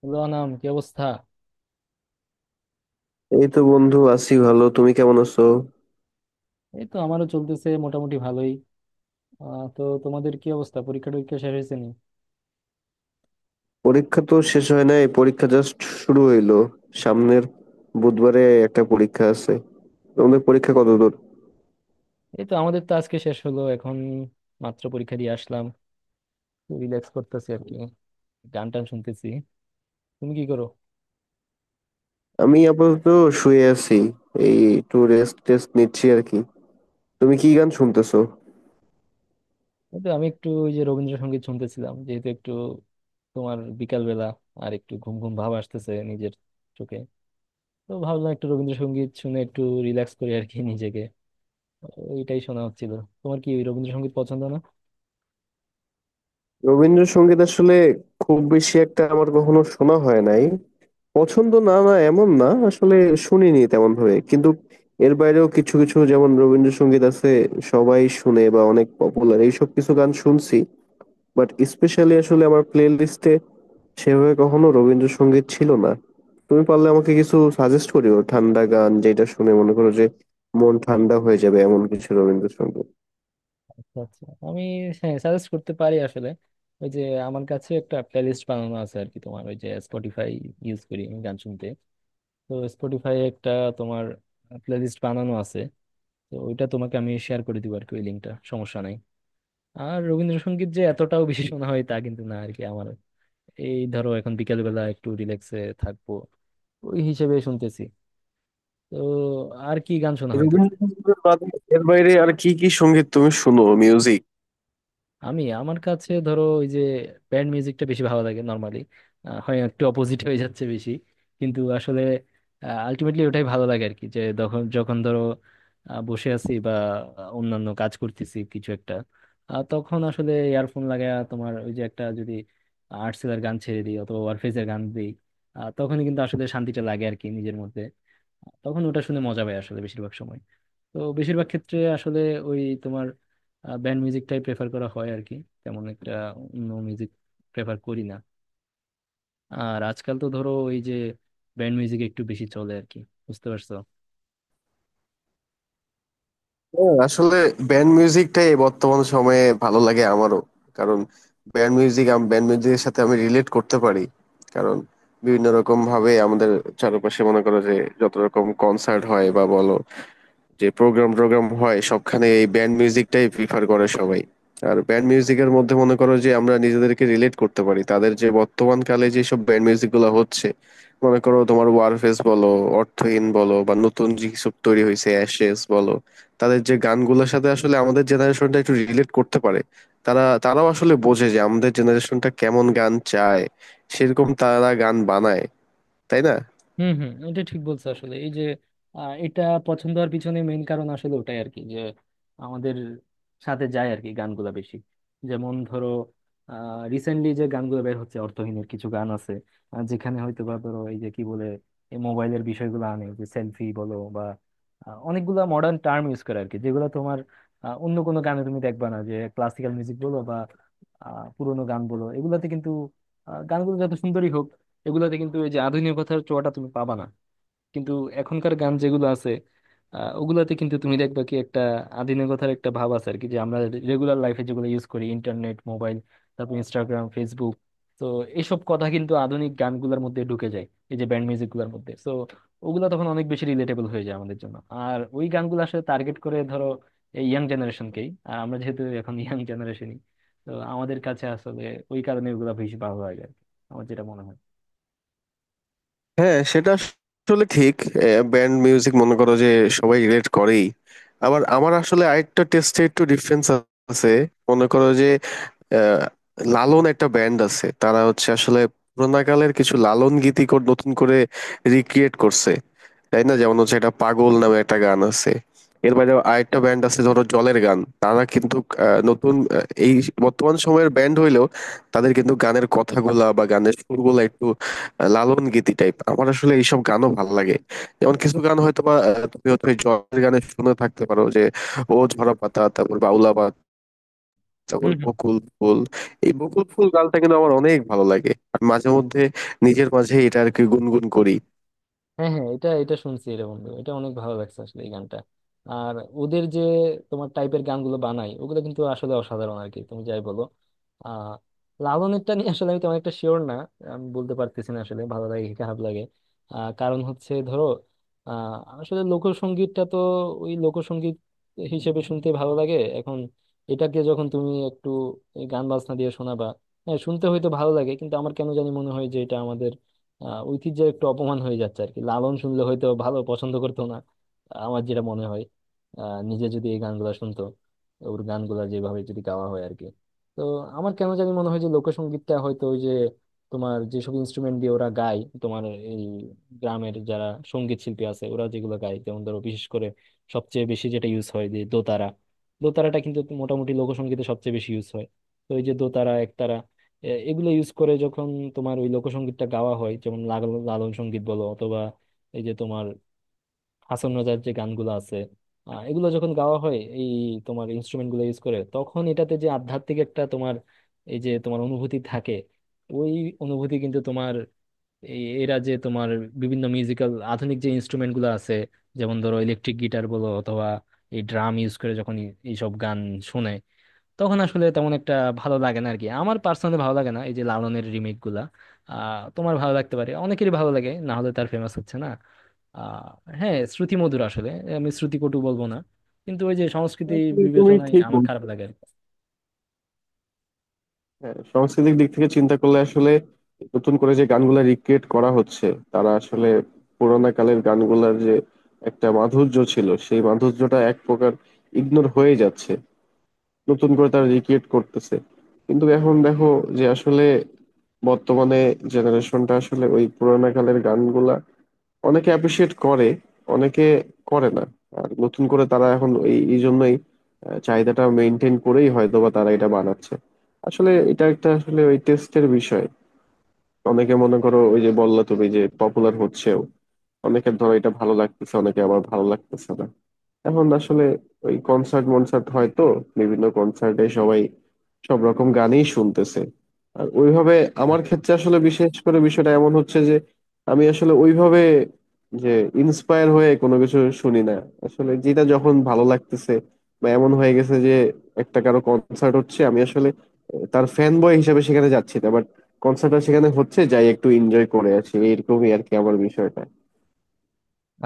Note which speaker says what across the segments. Speaker 1: Hello Anam, কি অবস্থা?
Speaker 2: এই তো বন্ধু আছি ভালো। তুমি কেমন আছো?
Speaker 1: এই তো আমারও চলতেছে মোটামুটি ভালোই। তো তোমাদের কি অবস্থা? পরীক্ষা টরীক্ষা শেষ হয়েছে নি?
Speaker 2: পরীক্ষা তো শেষ হয় নাই, পরীক্ষা জাস্ট শুরু হইলো। সামনের বুধবারে একটা পরীক্ষা আছে। তোমাদের পরীক্ষা কতদূর?
Speaker 1: এই তো আমাদের তো আজকে শেষ হলো, এখন মাত্র পরীক্ষা দিয়ে আসলাম। রিল্যাক্স করতেছি আর কি, গান টান শুনতেছি। তুমি কি করো?
Speaker 2: আমি আপাতত শুয়ে আছি। এই একটু রেস্ট টেস্ট নিচ্ছি আর কি। তুমি কি গান শুনতেছো?
Speaker 1: এই তো আমি একটু ওই যে রবীন্দ্রসঙ্গীত শুনতেছিলাম, যেহেতু একটু তোমার বিকাল বেলা, আর একটু ঘুম ঘুম ভাব আসতেছে নিজের চোখে। তো ভাবলাম একটু রবীন্দ্রসঙ্গীত শুনে একটু রিল্যাক্স করি আর কি নিজেকে, ওইটাই শোনা হচ্ছিল। তোমার কি রবীন্দ্রসঙ্গীত পছন্দ না?
Speaker 2: রবীন্দ্রসঙ্গীত আসলে খুব বেশি একটা আমার কখনো শোনা হয় নাই। পছন্দ না না এমন না আসলে, শুনিনি তেমন ভাবে। কিন্তু এর বাইরেও কিছু কিছু যেমন রবীন্দ্রসঙ্গীত আছে সবাই শুনে বা অনেক পপুলার, এইসব কিছু গান শুনছি। বাট স্পেশালি আসলে আমার প্লে লিস্টে সেভাবে কখনো রবীন্দ্রসঙ্গীত ছিল না। তুমি পারলে আমাকে কিছু সাজেস্ট করিও, ঠান্ডা গান যেটা শুনে মনে করো যে মন ঠান্ডা হয়ে যাবে, এমন কিছু রবীন্দ্রসঙ্গীত।
Speaker 1: আচ্ছা আচ্ছা, আমি হ্যাঁ সাজেস্ট করতে পারি আসলে। ওই যে আমার কাছে একটা প্লেলিস্ট বানানো আছে আর কি, তোমার ওই যে স্পটিফাই ইউজ করি আমি গান শুনতে। তো স্পটিফাই একটা তোমার প্লেলিস্ট বানানো আছে, তো ওইটা তোমাকে আমি শেয়ার করে দিব আর কি, ওই লিঙ্কটা, সমস্যা নাই। আর রবীন্দ্রসঙ্গীত যে এতটাও বেশি শোনা হয় তা কিন্তু না আর কি আমার। এই ধরো এখন বিকেল বেলা একটু রিল্যাক্সে থাকবো, ওই হিসেবে শুনতেছি। তো আর কি গান শোনা হয়?
Speaker 2: রবীন্দ্রসঙ্গীত বাদে এর বাইরে আর কি কি সঙ্গীত তুমি শুনো, মিউজিক?
Speaker 1: আমি, আমার কাছে ধরো ওই যে ব্যান্ড মিউজিকটা বেশি ভালো লাগে নর্মালি। হয় একটু অপোজিট হয়ে যাচ্ছে বেশি, কিন্তু আসলে আলটিমেটলি ওটাই ভালো লাগে আর কি। যে যখন যখন ধরো বসে আছি বা অন্যান্য কাজ করতেছি কিছু একটা, তখন আসলে ইয়ারফোন লাগায়া তোমার ওই যে একটা যদি আর্টসেলের গান ছেড়ে দিই অথবা ওয়ারফেজের গান দিই, তখনই কিন্তু আসলে শান্তিটা লাগে আর কি নিজের মধ্যে। তখন ওটা শুনে মজা পাই আসলে বেশিরভাগ সময়। তো বেশিরভাগ ক্ষেত্রে আসলে ওই তোমার ব্যান্ড মিউজিকটাই প্রেফার করা হয় আর কি, তেমন একটা অন্য মিউজিক প্রেফার করি না। আর আজকাল তো ধরো ওই যে ব্যান্ড মিউজিক একটু বেশি চলে আর কি, বুঝতে পারছো?
Speaker 2: হ্যাঁ আসলে ব্যান্ড মিউজিকটাই বর্তমান সময়ে ভালো লাগে আমারও। কারণ ব্যান্ড মিউজিক, আমি ব্যান্ড মিউজিকের সাথে আমি রিলেট করতে পারি। কারণ বিভিন্ন রকম ভাবে আমাদের চারপাশে মনে করো যে যত রকম কনসার্ট হয় বা বলো যে প্রোগ্রাম টোগ্রাম হয় সবখানে এই ব্যান্ড মিউজিকটাই প্রিফার করে সবাই। আর ব্যান্ড মিউজিকের মধ্যে মনে করো যে আমরা নিজেদেরকে রিলেট করতে পারি তাদের, যে বর্তমান কালে যে সব ব্যান্ড মিউজিক গুলো হচ্ছে মনে করো তোমার ওয়ারফেস বলো, অর্থহীন বলো বা নতুন যে সব তৈরি হয়েছে অ্যাশেস বলো, তাদের যে গানগুলোর সাথে আসলে আমাদের জেনারেশনটা একটু রিলেট করতে পারে। তারাও আসলে বোঝে যে আমাদের জেনারেশনটা কেমন গান চায়, সেরকম তারা গান বানায়। তাই না?
Speaker 1: হুম হুম, এটা ঠিক বলছো আসলে। এই যে এটা পছন্দ হওয়ার পিছনে মেইন কারণ আসলে ওটাই আর কি, যে আমাদের সাথে যায় আর কি গানগুলা বেশি। যেমন ধরো রিসেন্টলি যে গানগুলো বের হচ্ছে অর্থহীনের কিছু গান আছে, যেখানে হয়তো বা ধরো এই যে কি বলে এই মোবাইলের বিষয়গুলো আনে, যে সেলফি বলো বা অনেকগুলা মডার্ন টার্ম ইউজ করে আর কি, যেগুলো তোমার অন্য কোনো গানে তুমি দেখবা না। যে ক্লাসিক্যাল মিউজিক বলো বা পুরোনো গান বলো এগুলাতে কিন্তু গানগুলো যত সুন্দরই হোক এগুলাতে কিন্তু এই যে আধুনিকতার ছোঁয়াটা তুমি পাবা না। কিন্তু এখনকার গান যেগুলো আছে ওগুলাতে কিন্তু তুমি দেখবা কি একটা আধুনিকতার একটা ভাব আছে আর কি। যে আমরা রেগুলার লাইফে যেগুলো ইউজ করি, ইন্টারনেট, মোবাইল, তারপর ইনস্টাগ্রাম, ফেসবুক, তো এইসব কথা কিন্তু আধুনিক গানগুলোর মধ্যে ঢুকে যায়, এই যে ব্যান্ড মিউজিক গুলোর মধ্যে। তো ওগুলা তখন অনেক বেশি রিলেটেবল হয়ে যায় আমাদের জন্য। আর ওই গানগুলো আসলে টার্গেট করে ধরো এই ইয়াং জেনারেশনকেই, আর আমরা যেহেতু এখন ইয়াং জেনারেশনই, তো আমাদের কাছে আসলে ওই কারণে ওগুলা বেশি ভালো লাগে আর কি, আমার যেটা মনে হয়।
Speaker 2: হ্যাঁ সেটা আসলে ঠিক। ব্যান্ড মিউজিক মনে করো যে সবাই রিলেট করেই। আবার আমার আসলে আরেকটা টেস্টে একটু ডিফারেন্স আছে। মনে করো যে আহ, লালন একটা ব্যান্ড আছে, তারা হচ্ছে আসলে পুরোনো কালের কিছু লালন গীতি নতুন করে রিক্রিয়েট করছে। তাই না? যেমন হচ্ছে একটা পাগল নামে একটা গান আছে। এর বাইরে আরেকটা ব্যান্ড আছে ধরো জলের গান, তারা কিন্তু এই বর্তমান সময়ের ব্যান্ড হইলেও তাদের কিন্তু গানের কথাগুলা বা গানের সুরগুলা একটু লালন গীতি টাইপ। আমার আসলে এইসব গানও ভালো লাগে। যেমন কিছু গান হয়তো বা তুমি হয়তো এই জলের গানে শুনে থাকতে পারো যে ও ঝরা পাতা, তারপর বাউলা পাতা, তারপর
Speaker 1: হুম হুম।
Speaker 2: বকুল ফুল। এই বকুল ফুল গানটা কিন্তু আমার অনেক ভালো লাগে, আমি মাঝে মধ্যে নিজের মাঝে এটা আর কি গুনগুন করি।
Speaker 1: হ্যাঁ হ্যাঁ, এটা এটা শুনছি রে বন্ধু, এটা অনেক ভালো লাগছে আসলে এই গানটা। আর ওদের যে তোমার টাইপের গানগুলো বানায় ওগুলো কিন্তু আসলে অসাধারণ আর কি, তুমি যাই বলো। আহ লালনেরটা নিয়ে আসলে আমি তেমন একটা শিওর না, আমি বলতে পারতেছি না আসলে ভালো লাগে কি খারাপ লাগে। কারণ হচ্ছে ধরো আহ আসলে লোকসঙ্গীতটা তো ওই লোকসঙ্গীত হিসেবে শুনতে ভালো লাগে এখন। এটাকে যখন তুমি একটু এই গান বাজনা দিয়ে শোনাবা, হ্যাঁ শুনতে হয়তো ভালো লাগে, কিন্তু আমার কেন জানি মনে হয় যে এটা আমাদের ঐতিহ্যের একটু অপমান হয়ে যাচ্ছে আর কি। লালন শুনলে হয়তো ভালো পছন্দ করতো না, আমার যেটা মনে হয়, নিজে যদি এই গানগুলো শুনতো, ওর গানগুলো যেভাবে যদি গাওয়া হয় আর কি। তো আমার কেন জানি মনে হয় যে লোকসঙ্গীতটা হয়তো ওই যে তোমার যেসব ইনস্ট্রুমেন্ট দিয়ে ওরা গায়, তোমার এই গ্রামের যারা সঙ্গীত শিল্পী আছে ওরা যেগুলো গায়, যেমন ধরো বিশেষ করে সবচেয়ে বেশি যেটা ইউজ হয়, যে দোতারা, দোতারাটা কিন্তু মোটামুটি লোকসঙ্গীতে সবচেয়ে বেশি ইউজ হয়। তো এই যে দোতারা একতারা এগুলো ইউজ করে যখন তোমার ওই লোকসঙ্গীতটা গাওয়া হয়, যেমন লালন সঙ্গীত বলো অথবা এই যে তোমার হাসন রাজার যে গানগুলো আছে, এগুলো যখন গাওয়া হয় এই তোমার ইনস্ট্রুমেন্ট গুলো ইউজ করে, তখন এটাতে যে আধ্যাত্মিক একটা তোমার এই যে তোমার অনুভূতি থাকে, ওই অনুভূতি কিন্তু তোমার এই এরা যে তোমার বিভিন্ন মিউজিক্যাল আধুনিক যে ইনস্ট্রুমেন্ট গুলো আছে, যেমন ধরো ইলেকট্রিক গিটার বলো অথবা এই ড্রাম ইউজ করে যখন এইসব গান শোনে, তখন আসলে তেমন একটা ভালো লাগে না আর কি, আমার পার্সোনালি ভালো লাগে না এই যে লালনের রিমেক গুলা। তোমার ভালো লাগতে পারে, অনেকেরই ভালো লাগে, না হলে তার ফেমাস হচ্ছে না। আহ হ্যাঁ, শ্রুতি মধুর আসলে, আমি শ্রুতি কটু বলবো না, কিন্তু ওই যে সংস্কৃতি
Speaker 2: আসলে তুমি
Speaker 1: বিবেচনায়
Speaker 2: ঠিক
Speaker 1: আমার খারাপ
Speaker 2: বলছো।
Speaker 1: লাগে আর কি।
Speaker 2: হ্যাঁ সাংস্কৃতিক দিক থেকে চিন্তা করলে আসলে নতুন করে যে গানগুলা রিক্রিয়েট করা হচ্ছে তারা আসলে পুরোনো কালের গানগুলার যে একটা মাধুর্য ছিল সেই মাধুর্যটা এক প্রকার ইগনোর হয়ে যাচ্ছে। নতুন করে তারা রিক্রিয়েট করতেছে। কিন্তু এখন দেখো যে আসলে বর্তমানে জেনারেশনটা আসলে ওই পুরোনো কালের গানগুলা অনেকে অ্যাপ্রিসিয়েট করে, অনেকে করে না। আর নতুন করে তারা এখন এই এই জন্যই চাহিদাটা মেনটেন করেই হয়তো বা তারা এটা বানাচ্ছে। আসলে এটা একটা আসলে ওই টেস্টের বিষয়। অনেকে মনে করো ওই যে বললা তুমি যে পপুলার হচ্ছেও, অনেকের ধরো এটা ভালো লাগতেছে, অনেকে আবার ভালো লাগতেছে না। এখন আসলে ওই কনসার্ট মনসার্ট হয় তো বিভিন্ন কনসার্টে সবাই সব রকম গানই শুনতেছে। আর ওইভাবে আমার ক্ষেত্রে আসলে বিশেষ করে বিষয়টা এমন হচ্ছে যে আমি আসলে ওইভাবে যে ইন্সপায়ার হয়ে কোনো কিছু শুনি না। আসলে যেটা যখন ভালো লাগতেছে, বা এমন হয়ে গেছে যে একটা কারো কনসার্ট হচ্ছে, আমি আসলে তার ফ্যান বয় হিসেবে সেখানে যাচ্ছি না, বাট কনসার্টটা সেখানে হচ্ছে যাই একটু এনজয় করে আছি, এরকমই আর কি আমার বিষয়টা।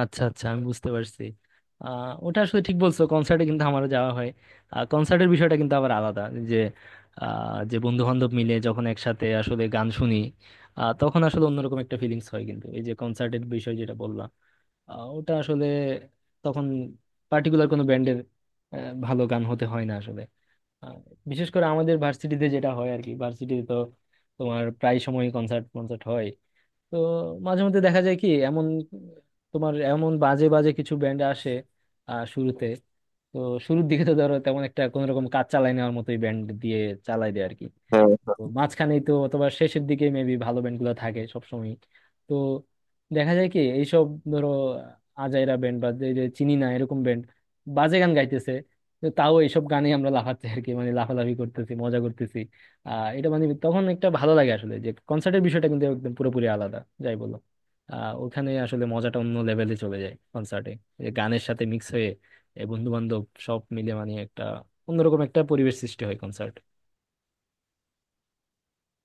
Speaker 1: আচ্ছা আচ্ছা, আমি বুঝতে পারছি। ওটা আসলে ঠিক বলছো, কনসার্টে কিন্তু আমারও যাওয়া হয়। কনসার্টের বিষয়টা কিন্তু আবার আলাদা, যে যে বন্ধু বান্ধব মিলে যখন একসাথে আসলে গান শুনি, তখন আসলে অন্যরকম একটা ফিলিংস হয়। কিন্তু এই যে কনসার্টের বিষয় যেটা বললাম, ওটা আসলে তখন পার্টিকুলার কোনো ব্যান্ডের ভালো গান হতে হয় না আসলে। আহ, বিশেষ করে আমাদের ভার্সিটিতে যেটা হয় আর কি, ভার্সিটিতে তো তোমার প্রায় সময় কনসার্ট কনসার্ট হয়। তো মাঝে মধ্যে দেখা যায় কি, এমন তোমার এমন বাজে বাজে কিছু ব্যান্ড আসে শুরুতে। তো শুরুর দিকে তো ধরো তেমন একটা কোনো রকম কাজ চালাই নেওয়ার মতোই ব্যান্ড দিয়ে চালাই দেয় আর কি।
Speaker 2: হ্যাঁ
Speaker 1: তো মাঝখানেই তো অথবা শেষের দিকে মেবি ভালো ব্যান্ডগুলো থাকে সবসময়। তো দেখা যায় কি এইসব ধরো আজাইরা ব্যান্ড বা যে যে চিনি না এরকম ব্যান্ড বাজে গান গাইতেছে, তো তাও এইসব গানে আমরা লাফাচ্ছি আর কি, মানে লাফালাফি করতেছি, মজা করতেছি। এটা মানে তখন একটা ভালো লাগে আসলে, যে কনসার্টের বিষয়টা কিন্তু একদম পুরোপুরি আলাদা, যাই বলো। ওখানে আসলে মজাটা অন্য লেভেলে চলে যায় কনসার্টে, যে গানের সাথে মিক্স হয়ে বন্ধু বান্ধব সব মিলে মানে একটা অন্যরকম একটা পরিবেশ সৃষ্টি হয় কনসার্ট।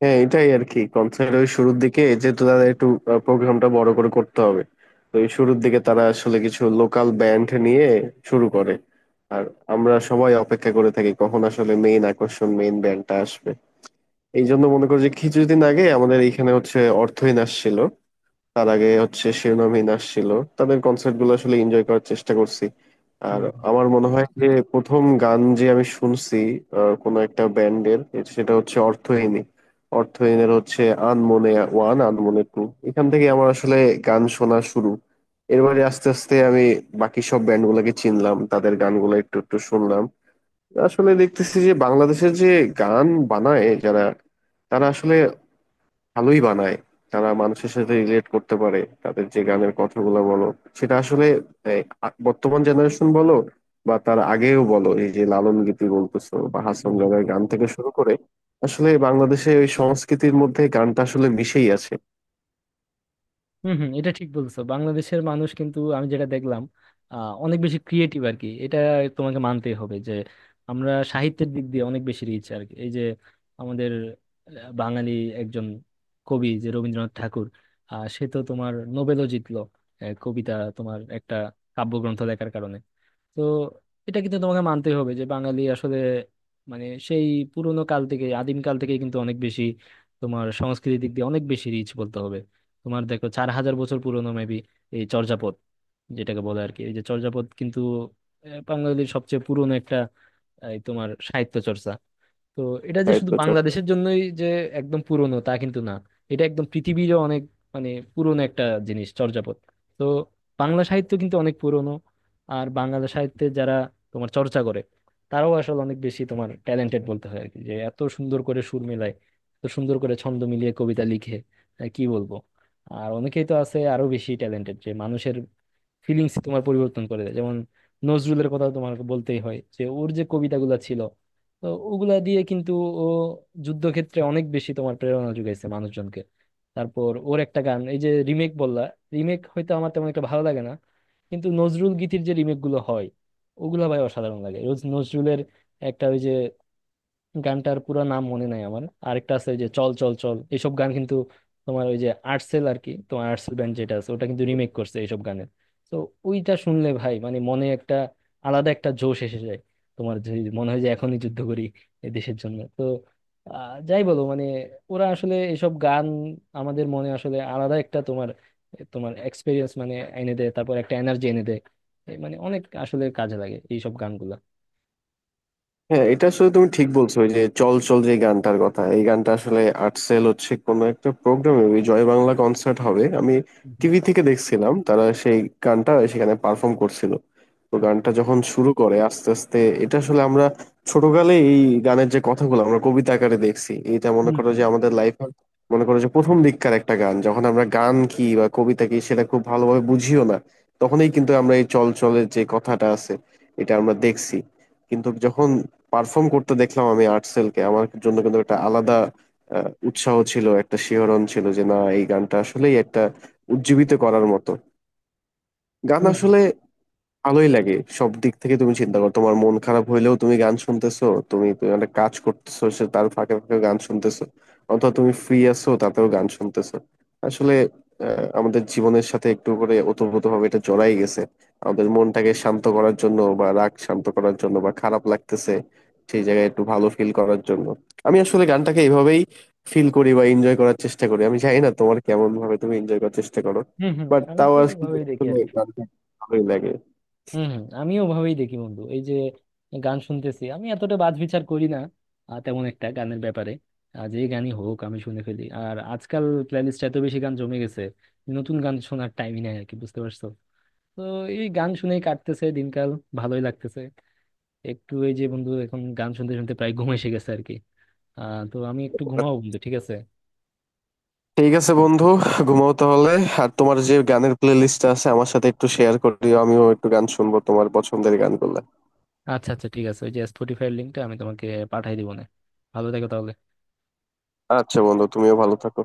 Speaker 2: হ্যাঁ এটাই আর কি কনসার্ট। ওই শুরুর দিকে যেহেতু তাদের একটু প্রোগ্রামটা বড় করে করতে হবে, তো এই শুরুর দিকে তারা আসলে কিছু লোকাল ব্যান্ড নিয়ে শুরু করে। আর আমরা সবাই অপেক্ষা করে থাকি কখন আসলে মেইন আকর্ষণ মেইন ব্যান্ডটা আসবে। এই জন্য মনে করো যে কিছুদিন আগে আমাদের এখানে হচ্ছে অর্থহীন আসছিল, তার আগে হচ্ছে শিরোনামহীন আসছিল। তাদের কনসার্ট গুলো আসলে এনজয় করার চেষ্টা করছি।
Speaker 1: হুম
Speaker 2: আর
Speaker 1: হুম।
Speaker 2: আমার মনে হয় যে প্রথম গান যে আমি শুনছি কোনো একটা ব্যান্ডের, সেটা হচ্ছে অর্থহীনই। অর্থহীনের হচ্ছে আনমনে 1, আনমনে 2। এখান থেকে আমার আসলে গান শোনা শুরু। এরপরে আস্তে আস্তে আমি বাকি সব ব্যান্ড গুলাকে চিনলাম, তাদের গানগুলো একটু একটু শুনলাম। আসলে দেখতেছি যে বাংলাদেশের যে গান বানায় যারা তারা আসলে ভালোই বানায়। তারা মানুষের সাথে রিলেট করতে পারে, তাদের যে গানের কথাগুলো বলো সেটা আসলে এই, বর্তমান জেনারেশন বলো বা তার আগেও বলো এই যে লালন গীতি বলতেছো বা হাসন
Speaker 1: হুম হুম।
Speaker 2: দাদার গান থেকে শুরু করে আসলে বাংলাদেশে ওই সংস্কৃতির মধ্যে গানটা আসলে মিশেই আছে।
Speaker 1: হম হম, এটা ঠিক বলছো। বাংলাদেশের মানুষ কিন্তু, আমি যেটা দেখলাম, অনেক বেশি ক্রিয়েটিভ আর কি। এটা তোমাকে মানতেই হবে যে আমরা সাহিত্যের দিক দিয়ে অনেক বেশি রিচ আর কি। এই যে আমাদের বাঙালি একজন কবি যে রবীন্দ্রনাথ ঠাকুর, সে তো তোমার নোবেলও জিতলো কবিতা তোমার একটা কাব্যগ্রন্থ লেখার কারণে। তো এটা কিন্তু তোমাকে মানতেই হবে, যে বাঙালি আসলে মানে সেই পুরোনো কাল থেকে, আদিম কাল থেকে কিন্তু অনেক বেশি তোমার সংস্কৃতির দিক দিয়ে অনেক বেশি রিচ বলতে হবে। তোমার দেখো চার হাজার বছর পুরোনো মেবি এই চর্যাপদ যেটাকে বলে আর কি, এই যে চর্যাপদ কিন্তু বাঙালির সবচেয়ে পুরোনো একটা এই তোমার সাহিত্য চর্চা। তো এটা যে শুধু
Speaker 2: সাহিত্য।
Speaker 1: বাংলাদেশের জন্যই যে একদম পুরনো তা কিন্তু না, এটা একদম পৃথিবীরও অনেক মানে পুরনো একটা জিনিস চর্যাপদ। তো বাংলা সাহিত্য কিন্তু অনেক পুরনো। আর বাংলা সাহিত্যে যারা তোমার চর্চা করে, তারাও আসলে অনেক বেশি তোমার ট্যালেন্টেড বলতে হয় আর কি, যে এত সুন্দর করে সুর মেলায়, এত সুন্দর করে ছন্দ মিলিয়ে কবিতা লিখে, কি বলবো। আর অনেকেই তো আছে আরো বেশি ট্যালেন্টেড, যে মানুষের ফিলিংস তোমার পরিবর্তন করে দেয়, যেমন নজরুলের কথা তোমার বলতেই হয়, যে ওর যে কবিতাগুলো ছিল, তো ওগুলা দিয়ে কিন্তু ও যুদ্ধক্ষেত্রে অনেক বেশি তোমার প্রেরণা যোগাইছে মানুষজনকে। তারপর ওর একটা গান, এই যে রিমেক বললা, রিমেক হয়তো আমার তেমন একটা ভালো লাগে না, কিন্তু নজরুল গীতির যে রিমেক গুলো হয় ওগুলা ভাই অসাধারণ লাগে রোজ। নজরুলের একটা ওই যে গানটার পুরো নাম মনে নাই আমার, আরেকটা আছে ওই যে চল চল চল, এইসব গান কিন্তু তোমার ওই যে আর্টসেল আর কি, তোমার আর্টসেল ব্যান্ড যেটা আছে ওটা কিন্তু রিমেক করছে এইসব গানের। তো ওইটা শুনলে ভাই মানে মনে একটা আলাদা একটা জোশ এসে যায়, তোমার যে মনে হয় যে এখনই যুদ্ধ করি এই দেশের জন্য। তো যাই বলো মানে ওরা আসলে এসব গান আমাদের মনে আসলে আলাদা একটা তোমার, তোমার এক্সপিরিয়েন্স মানে এনে দেয়, তারপর একটা এনার্জি এনে দেয়। এ মানে অনেক আসলে কাজে লাগে এইসব গানগুলা।
Speaker 2: হ্যাঁ এটা আসলে তুমি ঠিক বলছো, ওই যে চল চল যে গানটার কথা, এই গানটা আসলে আর্টসেল হচ্ছে কোনো একটা প্রোগ্রামে, ওই জয় বাংলা কনসার্ট হবে, আমি
Speaker 1: হুম হুম।
Speaker 2: টিভি থেকে দেখছিলাম তারা সেই গানটা সেখানে পারফর্ম করছিল। তো
Speaker 1: আচ্ছা।
Speaker 2: গানটা যখন শুরু করে আস্তে আস্তে, এটা আসলে আমরা ছোটকালে এই গানের যে কথাগুলো আমরা কবিতা আকারে দেখছি, এটা মনে
Speaker 1: হুম
Speaker 2: করো
Speaker 1: হুম।
Speaker 2: যে আমাদের লাইফে মনে করো যে প্রথম দিককার একটা গান, যখন আমরা গান কি বা কবিতা কি সেটা খুব ভালোভাবে বুঝিও না তখনই কিন্তু আমরা এই চল চলের যে কথাটা আছে এটা আমরা দেখছি। কিন্তু যখন পারফর্ম করতে দেখলাম আমি আর্টসেলকে, আমার জন্য কিন্তু একটা আলাদা উৎসাহ ছিল, একটা শিহরণ ছিল যে না এই গানটা আসলেই একটা উজ্জীবিত করার মতো গান
Speaker 1: হুম হুম।
Speaker 2: আসলে। ভালোই লাগে। সব দিক থেকে তুমি চিন্তা করো, তোমার মন খারাপ হইলেও তুমি গান শুনতেছো, তুমি তুমি একটা কাজ করতেছো সে তার ফাঁকে ফাঁকে গান শুনতেছো, অথবা তুমি ফ্রি আছো তাতেও গান শুনতেছো। আসলে আমাদের জীবনের সাথে একটু করে ওতপ্রোতভাবে এটা জড়াই গেছে। আমাদের মনটাকে শান্ত করার জন্য বা রাগ শান্ত করার জন্য বা খারাপ লাগতেছে সেই জায়গায় একটু ভালো ফিল করার জন্য আমি আসলে গানটাকে এইভাবেই ফিল করি বা এনজয় করার চেষ্টা করি। আমি জানি না তোমার কেমন ভাবে তুমি এনজয় করার চেষ্টা করো।
Speaker 1: হম হম,
Speaker 2: বাট
Speaker 1: আমি
Speaker 2: তাও
Speaker 1: তো
Speaker 2: আর কি
Speaker 1: ওভাবেই দেখি
Speaker 2: আসলে
Speaker 1: আর কি।
Speaker 2: গানটা ভালোই লাগে।
Speaker 1: হম হম, আমিও ওভাবেই দেখি বন্ধু। এই যে গান শুনতেছি, আমি এতটা বাজ বিচার করি না তেমন একটা গানের ব্যাপারে। যে গানই হোক আমি শুনে ফেলি। আর আজকাল প্লেলিস্ট এত বেশি গান জমে গেছে, নতুন গান শোনার টাইমই নাই আর কি, বুঝতে পারছো? তো এই গান শুনেই কাটতেছে দিনকাল, ভালোই লাগতেছে। একটু, এই যে বন্ধু এখন গান শুনতে শুনতে প্রায় ঘুম এসে গেছে আর কি, তো আমি একটু ঘুমাবো বন্ধু, ঠিক আছে?
Speaker 2: ঠিক আছে বন্ধু, ঘুমাও তাহলে। আর তোমার যে গানের প্লে লিস্টটা আছে আমার সাথে একটু শেয়ার করে দিও, আমিও একটু গান শুনবো তোমার পছন্দের গানগুলো।
Speaker 1: আচ্ছা আচ্ছা, ঠিক আছে। ওই যে স্পটিফাই লিঙ্কটা আমি তোমাকে পাঠাই দিবো না, ভালো থেকো তাহলে।
Speaker 2: আচ্ছা বন্ধু, তুমিও ভালো থাকো।